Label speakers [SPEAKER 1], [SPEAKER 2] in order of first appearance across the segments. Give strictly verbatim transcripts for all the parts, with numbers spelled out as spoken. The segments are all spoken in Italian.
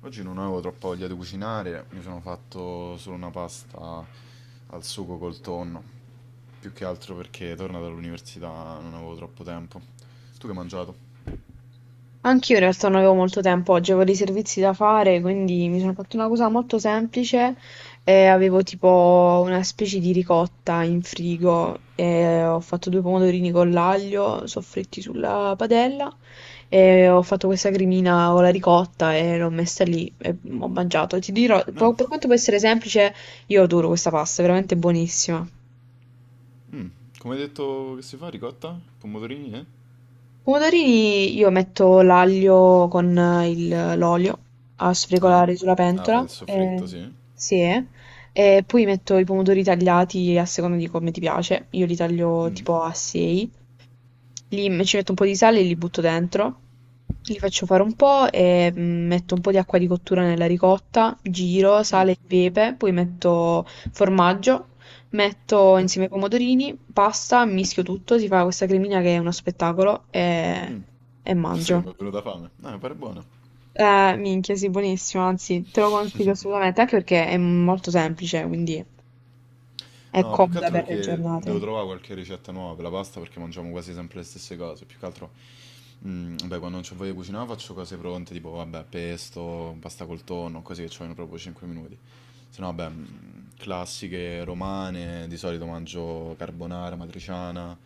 [SPEAKER 1] Oggi non avevo troppa voglia di cucinare, mi sono fatto solo una pasta al sugo col tonno, più che altro perché tornato dall'università non avevo troppo tempo. Tu che hai mangiato?
[SPEAKER 2] Anch'io in realtà non avevo molto tempo oggi, avevo dei servizi da fare, quindi mi sono fatta una cosa molto semplice e avevo tipo una specie di ricotta in frigo e ho fatto due pomodorini con l'aglio soffritti sulla padella e ho fatto questa cremina con la ricotta e l'ho messa lì e ho mangiato. Ti dirò,
[SPEAKER 1] Eh,
[SPEAKER 2] po- per quanto può essere semplice, io adoro questa pasta, è veramente buonissima.
[SPEAKER 1] come hai detto che si fa? Ricotta? Pomodorini, eh?
[SPEAKER 2] Pomodorini io metto l'aglio con eh, il- l'olio a
[SPEAKER 1] Ah,
[SPEAKER 2] sfregolare sulla
[SPEAKER 1] ah, fai
[SPEAKER 2] pentola.
[SPEAKER 1] il
[SPEAKER 2] Eh,
[SPEAKER 1] soffritto, sì.
[SPEAKER 2] sì, eh. E poi metto i pomodori tagliati a seconda di come ti piace. Io li taglio tipo a sei, li me- ci metto un po' di sale e li butto dentro, li faccio fare un po' e mm, metto un po' di acqua di cottura nella ricotta, giro, sale e pepe, poi metto formaggio, metto insieme i pomodorini, pasta, mischio tutto, si fa questa cremina che è uno spettacolo e, e
[SPEAKER 1] Sai che mi
[SPEAKER 2] mangio.
[SPEAKER 1] è venuta fame? No, mi pare buono.
[SPEAKER 2] Eh, minchia, sì, buonissimo, anzi, te lo consiglio assolutamente, anche perché è molto semplice, quindi è
[SPEAKER 1] No, più che
[SPEAKER 2] comoda
[SPEAKER 1] altro
[SPEAKER 2] per le
[SPEAKER 1] perché devo
[SPEAKER 2] giornate.
[SPEAKER 1] trovare qualche ricetta nuova per la pasta perché mangiamo quasi sempre le stesse cose. Più che altro, mm, vabbè, quando non c'ho voglia di cucinare faccio cose pronte, tipo, vabbè, pesto, pasta col tonno, così che ci vogliono proprio cinque minuti. Se no, vabbè, mm, classiche romane, di solito mangio carbonara, matriciana,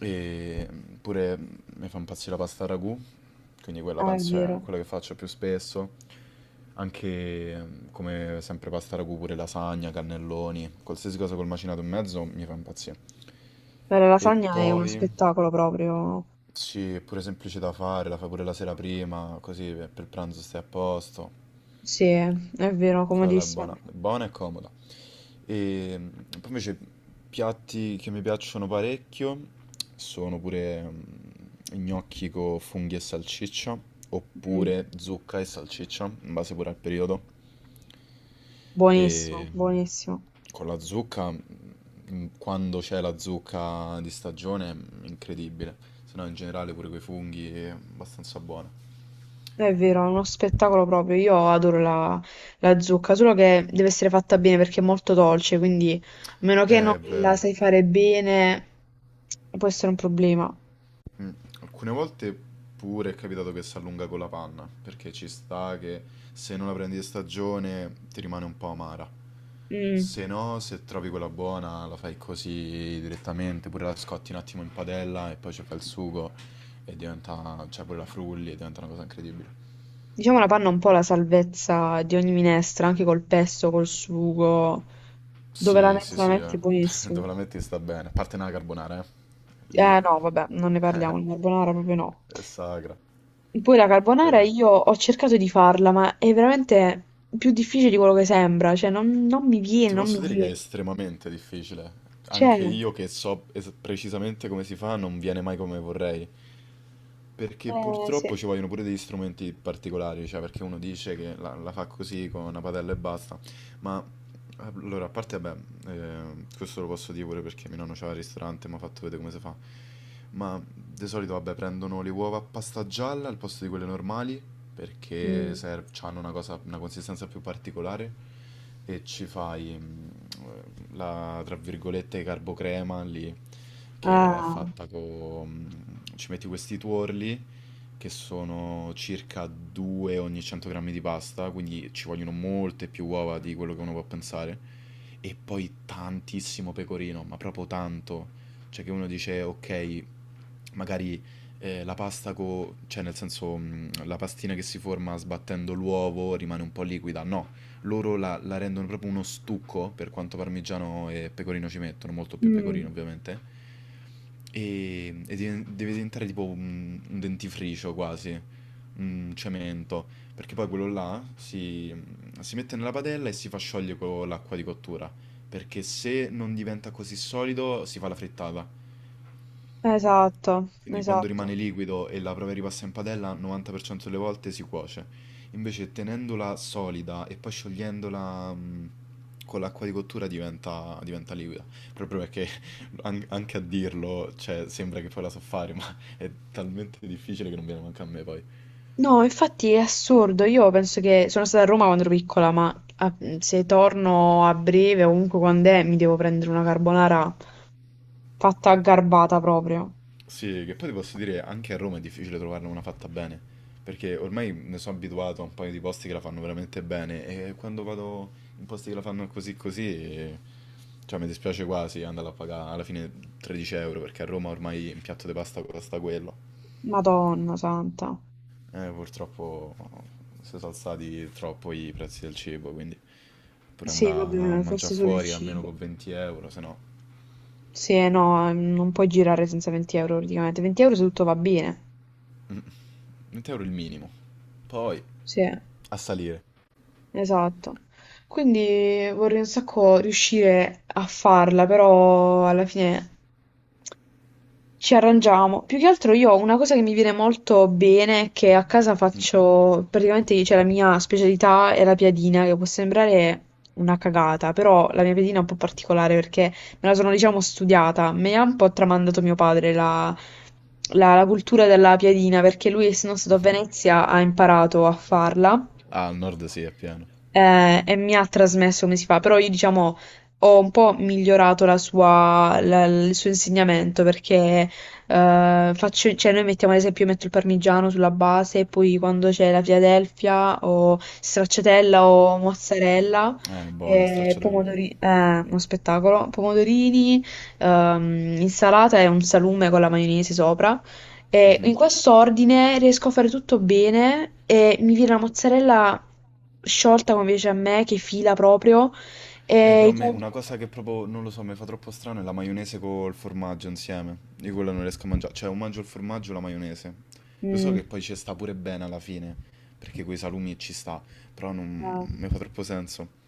[SPEAKER 1] e pure mi fa impazzire la pasta ragù, quindi quella
[SPEAKER 2] Ah, è
[SPEAKER 1] penso è
[SPEAKER 2] vero.
[SPEAKER 1] quella che faccio più spesso. Anche mm, come sempre pasta ragù, pure lasagna, cannelloni, qualsiasi cosa col macinato in mezzo mi fa impazzire.
[SPEAKER 2] Beh, la
[SPEAKER 1] E
[SPEAKER 2] lasagna è uno
[SPEAKER 1] poi,
[SPEAKER 2] spettacolo proprio.
[SPEAKER 1] sì, è pure semplice da fare, la fai pure la sera prima, così per per pranzo stai a posto.
[SPEAKER 2] Sì, è è vero,
[SPEAKER 1] Quella è
[SPEAKER 2] comodissimo.
[SPEAKER 1] buona, buona e comoda. E mm, poi invece piatti che mi piacciono parecchio sono pure mm, gnocchi con funghi e salsiccia,
[SPEAKER 2] Mm,
[SPEAKER 1] oppure zucca e salsiccia, in base pure al periodo.
[SPEAKER 2] buonissimo,
[SPEAKER 1] E mm,
[SPEAKER 2] buonissimo.
[SPEAKER 1] con la zucca, mm, quando c'è la zucca di stagione, mm, incredibile. Se no in generale pure quei funghi è abbastanza buona.
[SPEAKER 2] È vero, è uno spettacolo proprio. Io adoro la, la zucca, solo che deve essere fatta bene perché è molto dolce, quindi a meno che
[SPEAKER 1] Eh,
[SPEAKER 2] non
[SPEAKER 1] È
[SPEAKER 2] la
[SPEAKER 1] vero.
[SPEAKER 2] sai fare bene, può essere un problema.
[SPEAKER 1] Mm, Alcune volte pure è capitato che si allunga con la panna, perché ci sta che se non la prendi di stagione ti rimane un po' amara.
[SPEAKER 2] Mm.
[SPEAKER 1] Se no, se trovi quella buona, la fai così direttamente, pure la scotti un attimo in padella e poi ci fai il sugo e diventa, cioè pure la frulli e diventa una cosa incredibile.
[SPEAKER 2] Diciamo la panna è un po' la salvezza di ogni minestra, anche col pesto, col sugo. Dove la
[SPEAKER 1] Sì, sì,
[SPEAKER 2] metti, la
[SPEAKER 1] sì, eh.
[SPEAKER 2] metti buonissimo.
[SPEAKER 1] Dove la metti sta bene, a parte nella carbonara, eh. Lì
[SPEAKER 2] Eh no, vabbè, non ne parliamo, il
[SPEAKER 1] è
[SPEAKER 2] carbonara proprio no.
[SPEAKER 1] sacra.
[SPEAKER 2] Poi la carbonara
[SPEAKER 1] Eh.
[SPEAKER 2] io ho cercato di farla, ma è veramente più difficile di quello che sembra, cioè non, non mi viene,
[SPEAKER 1] Ti
[SPEAKER 2] non mi
[SPEAKER 1] posso dire che è
[SPEAKER 2] viene.
[SPEAKER 1] estremamente difficile.
[SPEAKER 2] Cioè,
[SPEAKER 1] Anche io che so es- precisamente come si fa, non viene mai come vorrei. Perché
[SPEAKER 2] eh sì.
[SPEAKER 1] purtroppo ci vogliono pure degli strumenti particolari, cioè perché uno dice che la, la fa così con una padella e basta, ma allora, a parte, beh, eh, questo lo posso dire pure perché mio nonno c'ha il ristorante e mi ha fatto vedere come si fa, ma di solito, vabbè, prendono le uova a pasta gialla al posto di quelle normali, perché
[SPEAKER 2] Mm.
[SPEAKER 1] ser- hanno una cosa, una consistenza più particolare, e ci fai, mm, la, tra virgolette, carbocrema lì, che è
[SPEAKER 2] Ah.
[SPEAKER 1] fatta con... Ci metti questi tuorli, che sono circa due ogni cento grammi di pasta, quindi ci vogliono molte più uova di quello che uno può pensare, e poi tantissimo pecorino, ma proprio tanto. Cioè che uno dice, ok, magari eh, la pasta, co- cioè nel senso mm, la pastina che si forma sbattendo l'uovo rimane un po' liquida, no loro la, la rendono proprio uno stucco, per quanto parmigiano e pecorino ci mettono, molto più pecorino
[SPEAKER 2] Mm.
[SPEAKER 1] ovviamente, e, e diven- deve diventare tipo un, un dentifricio quasi, un cemento, perché poi quello là si, si mette nella padella e si fa sciogliere con l'acqua di cottura, perché se non diventa così solido si fa la frittata.
[SPEAKER 2] Esatto,
[SPEAKER 1] Quindi quando
[SPEAKER 2] esatto.
[SPEAKER 1] rimane liquido e la prova ripassa in padella, novanta per cento delle volte si cuoce. Invece tenendola solida e poi sciogliendola mh, con l'acqua di cottura diventa, diventa liquida. Proprio perché an- anche a dirlo, cioè, sembra che poi la so fare, ma è talmente difficile che non viene manca a me poi.
[SPEAKER 2] No, infatti è assurdo, io penso che sono stata a Roma quando ero piccola, ma ah, mm, se torno a breve o comunque quando è, mi devo prendere una carbonara fatta a garbata proprio.
[SPEAKER 1] Sì, che poi ti posso dire, anche a Roma è difficile trovarne una fatta bene, perché ormai mi sono abituato a un paio di posti che la fanno veramente bene e quando vado in posti che la fanno così così, eh, cioè mi dispiace quasi andare a pagare alla fine tredici euro, perché a Roma ormai un piatto di pasta costa quello.
[SPEAKER 2] Madonna santa.
[SPEAKER 1] Eh, purtroppo si sono alzati troppo i prezzi del cibo, quindi pure
[SPEAKER 2] Sì,
[SPEAKER 1] andare a
[SPEAKER 2] vabbè, forse
[SPEAKER 1] mangiare
[SPEAKER 2] solo il
[SPEAKER 1] fuori almeno
[SPEAKER 2] cibo.
[SPEAKER 1] con venti euro, se no
[SPEAKER 2] Sì, eh, no, ehm, non puoi girare senza venti euro praticamente. venti euro se tutto va bene.
[SPEAKER 1] venti euro il minimo. Poi
[SPEAKER 2] Sì,
[SPEAKER 1] a salire.
[SPEAKER 2] esatto. Quindi vorrei un sacco riuscire a farla, però alla fine. Ci arrangiamo. Più che altro io ho una cosa che mi viene molto bene, che a casa
[SPEAKER 1] Mhm.
[SPEAKER 2] faccio, praticamente c'è la mia specialità è la piadina, che può sembrare una cagata, però la mia piadina è un po' particolare perché me la sono, diciamo, studiata. Me ha un po' tramandato mio padre la, la- la cultura della piadina, perché lui, essendo stato a Venezia, ha imparato a farla,
[SPEAKER 1] Ah, al nord sì, è pieno.
[SPEAKER 2] eh, e mi ha trasmesso come si fa, però io diciamo ho un po' migliorato la sua- la- il suo insegnamento perché eh, faccio, cioè noi mettiamo ad esempio, io metto il parmigiano sulla base e poi quando c'è la Philadelphia o stracciatella o mozzarella.
[SPEAKER 1] Eh, buona,
[SPEAKER 2] eh,
[SPEAKER 1] stracciatella.
[SPEAKER 2] pomodori- eh, uno spettacolo, pomodorini, ehm, insalata e un salume con la maionese sopra. E in
[SPEAKER 1] Mhm.
[SPEAKER 2] quest'ordine riesco a fare tutto bene e mi viene la mozzarella sciolta come piace a me, che fila proprio.
[SPEAKER 1] Eh,
[SPEAKER 2] E
[SPEAKER 1] però a
[SPEAKER 2] i
[SPEAKER 1] me
[SPEAKER 2] pan-
[SPEAKER 1] una cosa che proprio, non lo so, mi fa troppo strano è la maionese col formaggio insieme. Io quella non riesco a mangiare. Cioè, o mangio il formaggio o la maionese. Lo so che
[SPEAKER 2] mm,
[SPEAKER 1] poi ci sta pure bene alla fine, perché coi salumi ci sta, però non
[SPEAKER 2] no.
[SPEAKER 1] mi fa troppo senso.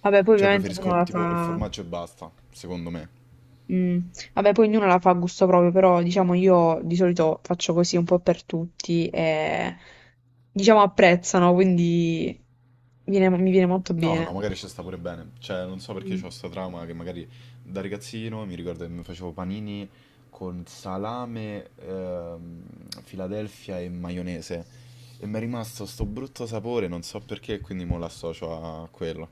[SPEAKER 2] Vabbè, poi
[SPEAKER 1] Cioè,
[SPEAKER 2] ovviamente
[SPEAKER 1] preferisco
[SPEAKER 2] ognuno la
[SPEAKER 1] tipo il
[SPEAKER 2] fa...
[SPEAKER 1] formaggio e basta, secondo me.
[SPEAKER 2] Mm, vabbè, poi ognuno la fa a gusto proprio, però diciamo io di solito faccio così un po' per tutti e diciamo apprezzano, quindi viene- mi viene molto
[SPEAKER 1] No, no,
[SPEAKER 2] bene.
[SPEAKER 1] magari ci sta pure bene. Cioè, non so perché
[SPEAKER 2] Mm,
[SPEAKER 1] c'ho sta trauma che magari da ragazzino mi ricordo che mi facevo panini con salame, ehm, Philadelphia e maionese. E mi è rimasto sto brutto sapore, non so perché, quindi mo l'associo a quello.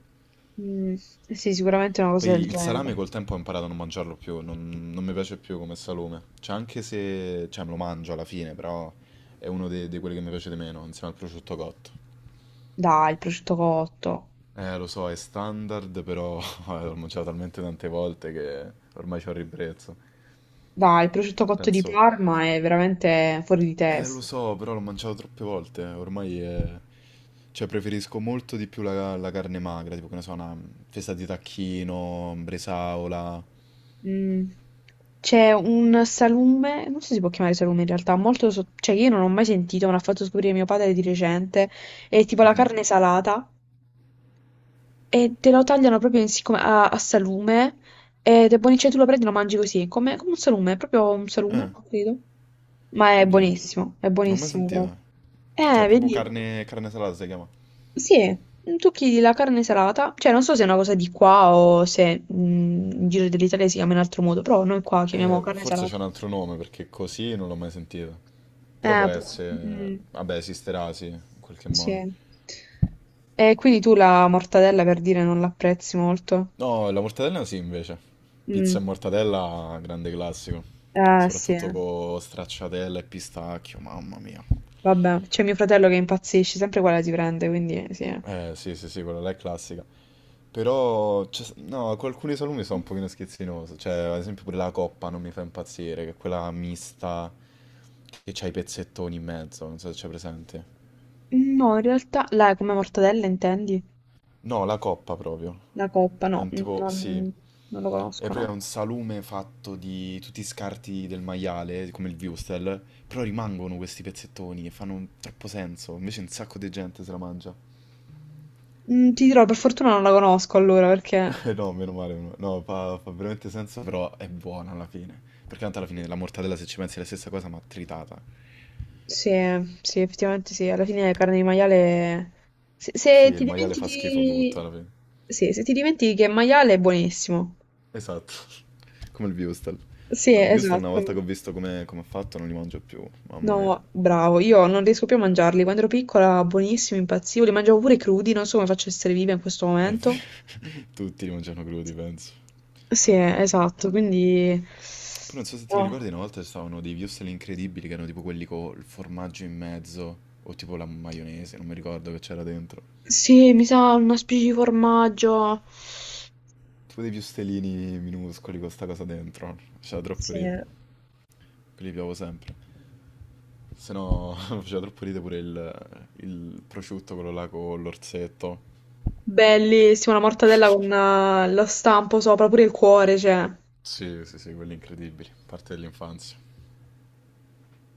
[SPEAKER 2] mm, sì, sicuramente una
[SPEAKER 1] Poi
[SPEAKER 2] cosa del
[SPEAKER 1] il salame
[SPEAKER 2] genere.
[SPEAKER 1] col tempo ho imparato a non mangiarlo più, non, non mi piace più come salume. Cioè, anche se... Cioè, me lo mangio alla fine, però è uno dei, di quelli che mi piace di meno, insieme al prosciutto cotto.
[SPEAKER 2] Dai, il prosciutto cotto.
[SPEAKER 1] Eh, lo so, è standard, però l'ho mangiato talmente tante volte che ormai c'ho il ribrezzo.
[SPEAKER 2] Dai, il prosciutto cotto di
[SPEAKER 1] Penso,
[SPEAKER 2] Parma è veramente fuori di
[SPEAKER 1] eh, lo
[SPEAKER 2] testa.
[SPEAKER 1] so, però l'ho mangiato troppe volte, ormai è... Cioè, preferisco molto di più la, la carne magra, tipo, che ne so, una festa di tacchino, bresaola.
[SPEAKER 2] Mm. C'è un salume, non so se si può chiamare salume in realtà, molto so- cioè io non ho mai sentito, me l'ha fatto scoprire mio padre di recente, è tipo la
[SPEAKER 1] Mhm.
[SPEAKER 2] carne salata e te lo tagliano proprio in- siccome- a, a salume ed è buonissimo, cioè tu lo prendi e lo mangi così, come, come un salume, è proprio un salume,
[SPEAKER 1] Eh,
[SPEAKER 2] credo. Ma è
[SPEAKER 1] oddio,
[SPEAKER 2] buonissimo, è
[SPEAKER 1] non ho mai
[SPEAKER 2] buonissimo
[SPEAKER 1] sentita.
[SPEAKER 2] proprio.
[SPEAKER 1] Cioè,
[SPEAKER 2] Eh,
[SPEAKER 1] proprio
[SPEAKER 2] vedi?
[SPEAKER 1] carne, carne salata si chiama.
[SPEAKER 2] Sì, tocchi la carne salata, cioè non so se è una cosa di qua o se mm, in giro dell'Italia si chiama in altro modo, però noi qua chiamiamo
[SPEAKER 1] Eh,
[SPEAKER 2] carne
[SPEAKER 1] forse c'è
[SPEAKER 2] salata.
[SPEAKER 1] un altro nome, perché così non l'ho mai sentita. Però può
[SPEAKER 2] Eh, pu-
[SPEAKER 1] essere...
[SPEAKER 2] mm,
[SPEAKER 1] Vabbè, esisterà, sì, in qualche modo.
[SPEAKER 2] sì. E quindi tu la mortadella per dire non l'apprezzi molto?
[SPEAKER 1] No, la mortadella sì, invece. Pizza e
[SPEAKER 2] Mm.
[SPEAKER 1] mortadella, grande classico.
[SPEAKER 2] Eh, sì,
[SPEAKER 1] Soprattutto con stracciatella e pistacchio, mamma mia.
[SPEAKER 2] vabbè, c'è mio fratello che impazzisce, sempre quella si prende, quindi sì.
[SPEAKER 1] Eh, sì, sì, sì, quella là è classica. Però, c'è- no, con alcuni salumi sono un pochino schizzinoso. Cioè, ad esempio pure la coppa non mi fa impazzire, che è quella mista che c'ha i pezzettoni in mezzo, non so se c'è presente.
[SPEAKER 2] No, in realtà, la come mortadella intendi?
[SPEAKER 1] No, la coppa proprio.
[SPEAKER 2] La coppa,
[SPEAKER 1] È
[SPEAKER 2] no,
[SPEAKER 1] un tipo, sì,
[SPEAKER 2] non, non lo
[SPEAKER 1] è
[SPEAKER 2] conosco,
[SPEAKER 1] proprio
[SPEAKER 2] no.
[SPEAKER 1] un salume fatto di tutti i scarti del maiale, come il wurstel, però rimangono questi pezzettoni e fanno un- troppo senso, invece un sacco di gente se la mangia.
[SPEAKER 2] Mm, ti dirò, per fortuna non la conosco allora, perché
[SPEAKER 1] Eh No, meno male, meno- no, fa, fa veramente senso, però è buona alla fine, perché tanto alla fine la mortadella se ci pensi è la stessa cosa ma tritata.
[SPEAKER 2] sì, sì, effettivamente sì, alla fine la carne di maiale... Se,
[SPEAKER 1] Sì,
[SPEAKER 2] se ti
[SPEAKER 1] il maiale fa schifo tutto
[SPEAKER 2] dimentichi...
[SPEAKER 1] alla fine.
[SPEAKER 2] Sì, se ti dimentichi che è maiale è buonissimo.
[SPEAKER 1] Esatto, come il wurstel.
[SPEAKER 2] Sì,
[SPEAKER 1] No, il wurstel una volta che ho
[SPEAKER 2] esatto.
[SPEAKER 1] visto come come è fatto non li mangio più, mamma mia.
[SPEAKER 2] No, bravo, io non riesco più a mangiarli. Quando ero piccola, buonissimi, impazzivo, li mangiavo pure crudi, non so come faccio a essere viva in questo
[SPEAKER 1] È
[SPEAKER 2] momento.
[SPEAKER 1] ver- Tutti li mangiano crudi, penso.
[SPEAKER 2] Sì, esatto, quindi...
[SPEAKER 1] Poi non so se ti li
[SPEAKER 2] Oh.
[SPEAKER 1] ricordi, una volta ci stavano dei wurstel incredibili che erano tipo quelli con il formaggio in mezzo o tipo la maionese, non mi ricordo che c'era dentro.
[SPEAKER 2] Sì, mi sa una specie di formaggio.
[SPEAKER 1] Tipo dei wurstelini minuscoli con sta cosa dentro. Faceva troppo
[SPEAKER 2] Sì.
[SPEAKER 1] ridere. Quelli piavo sempre. Se no faceva troppo ridere pure il, il prosciutto, quello là con l'orzetto.
[SPEAKER 2] Bellissima, la mortadella con eh, lo stampo sopra, pure il cuore, cioè.
[SPEAKER 1] Sì, sì, sì, quelli incredibili. Parte dell'infanzia.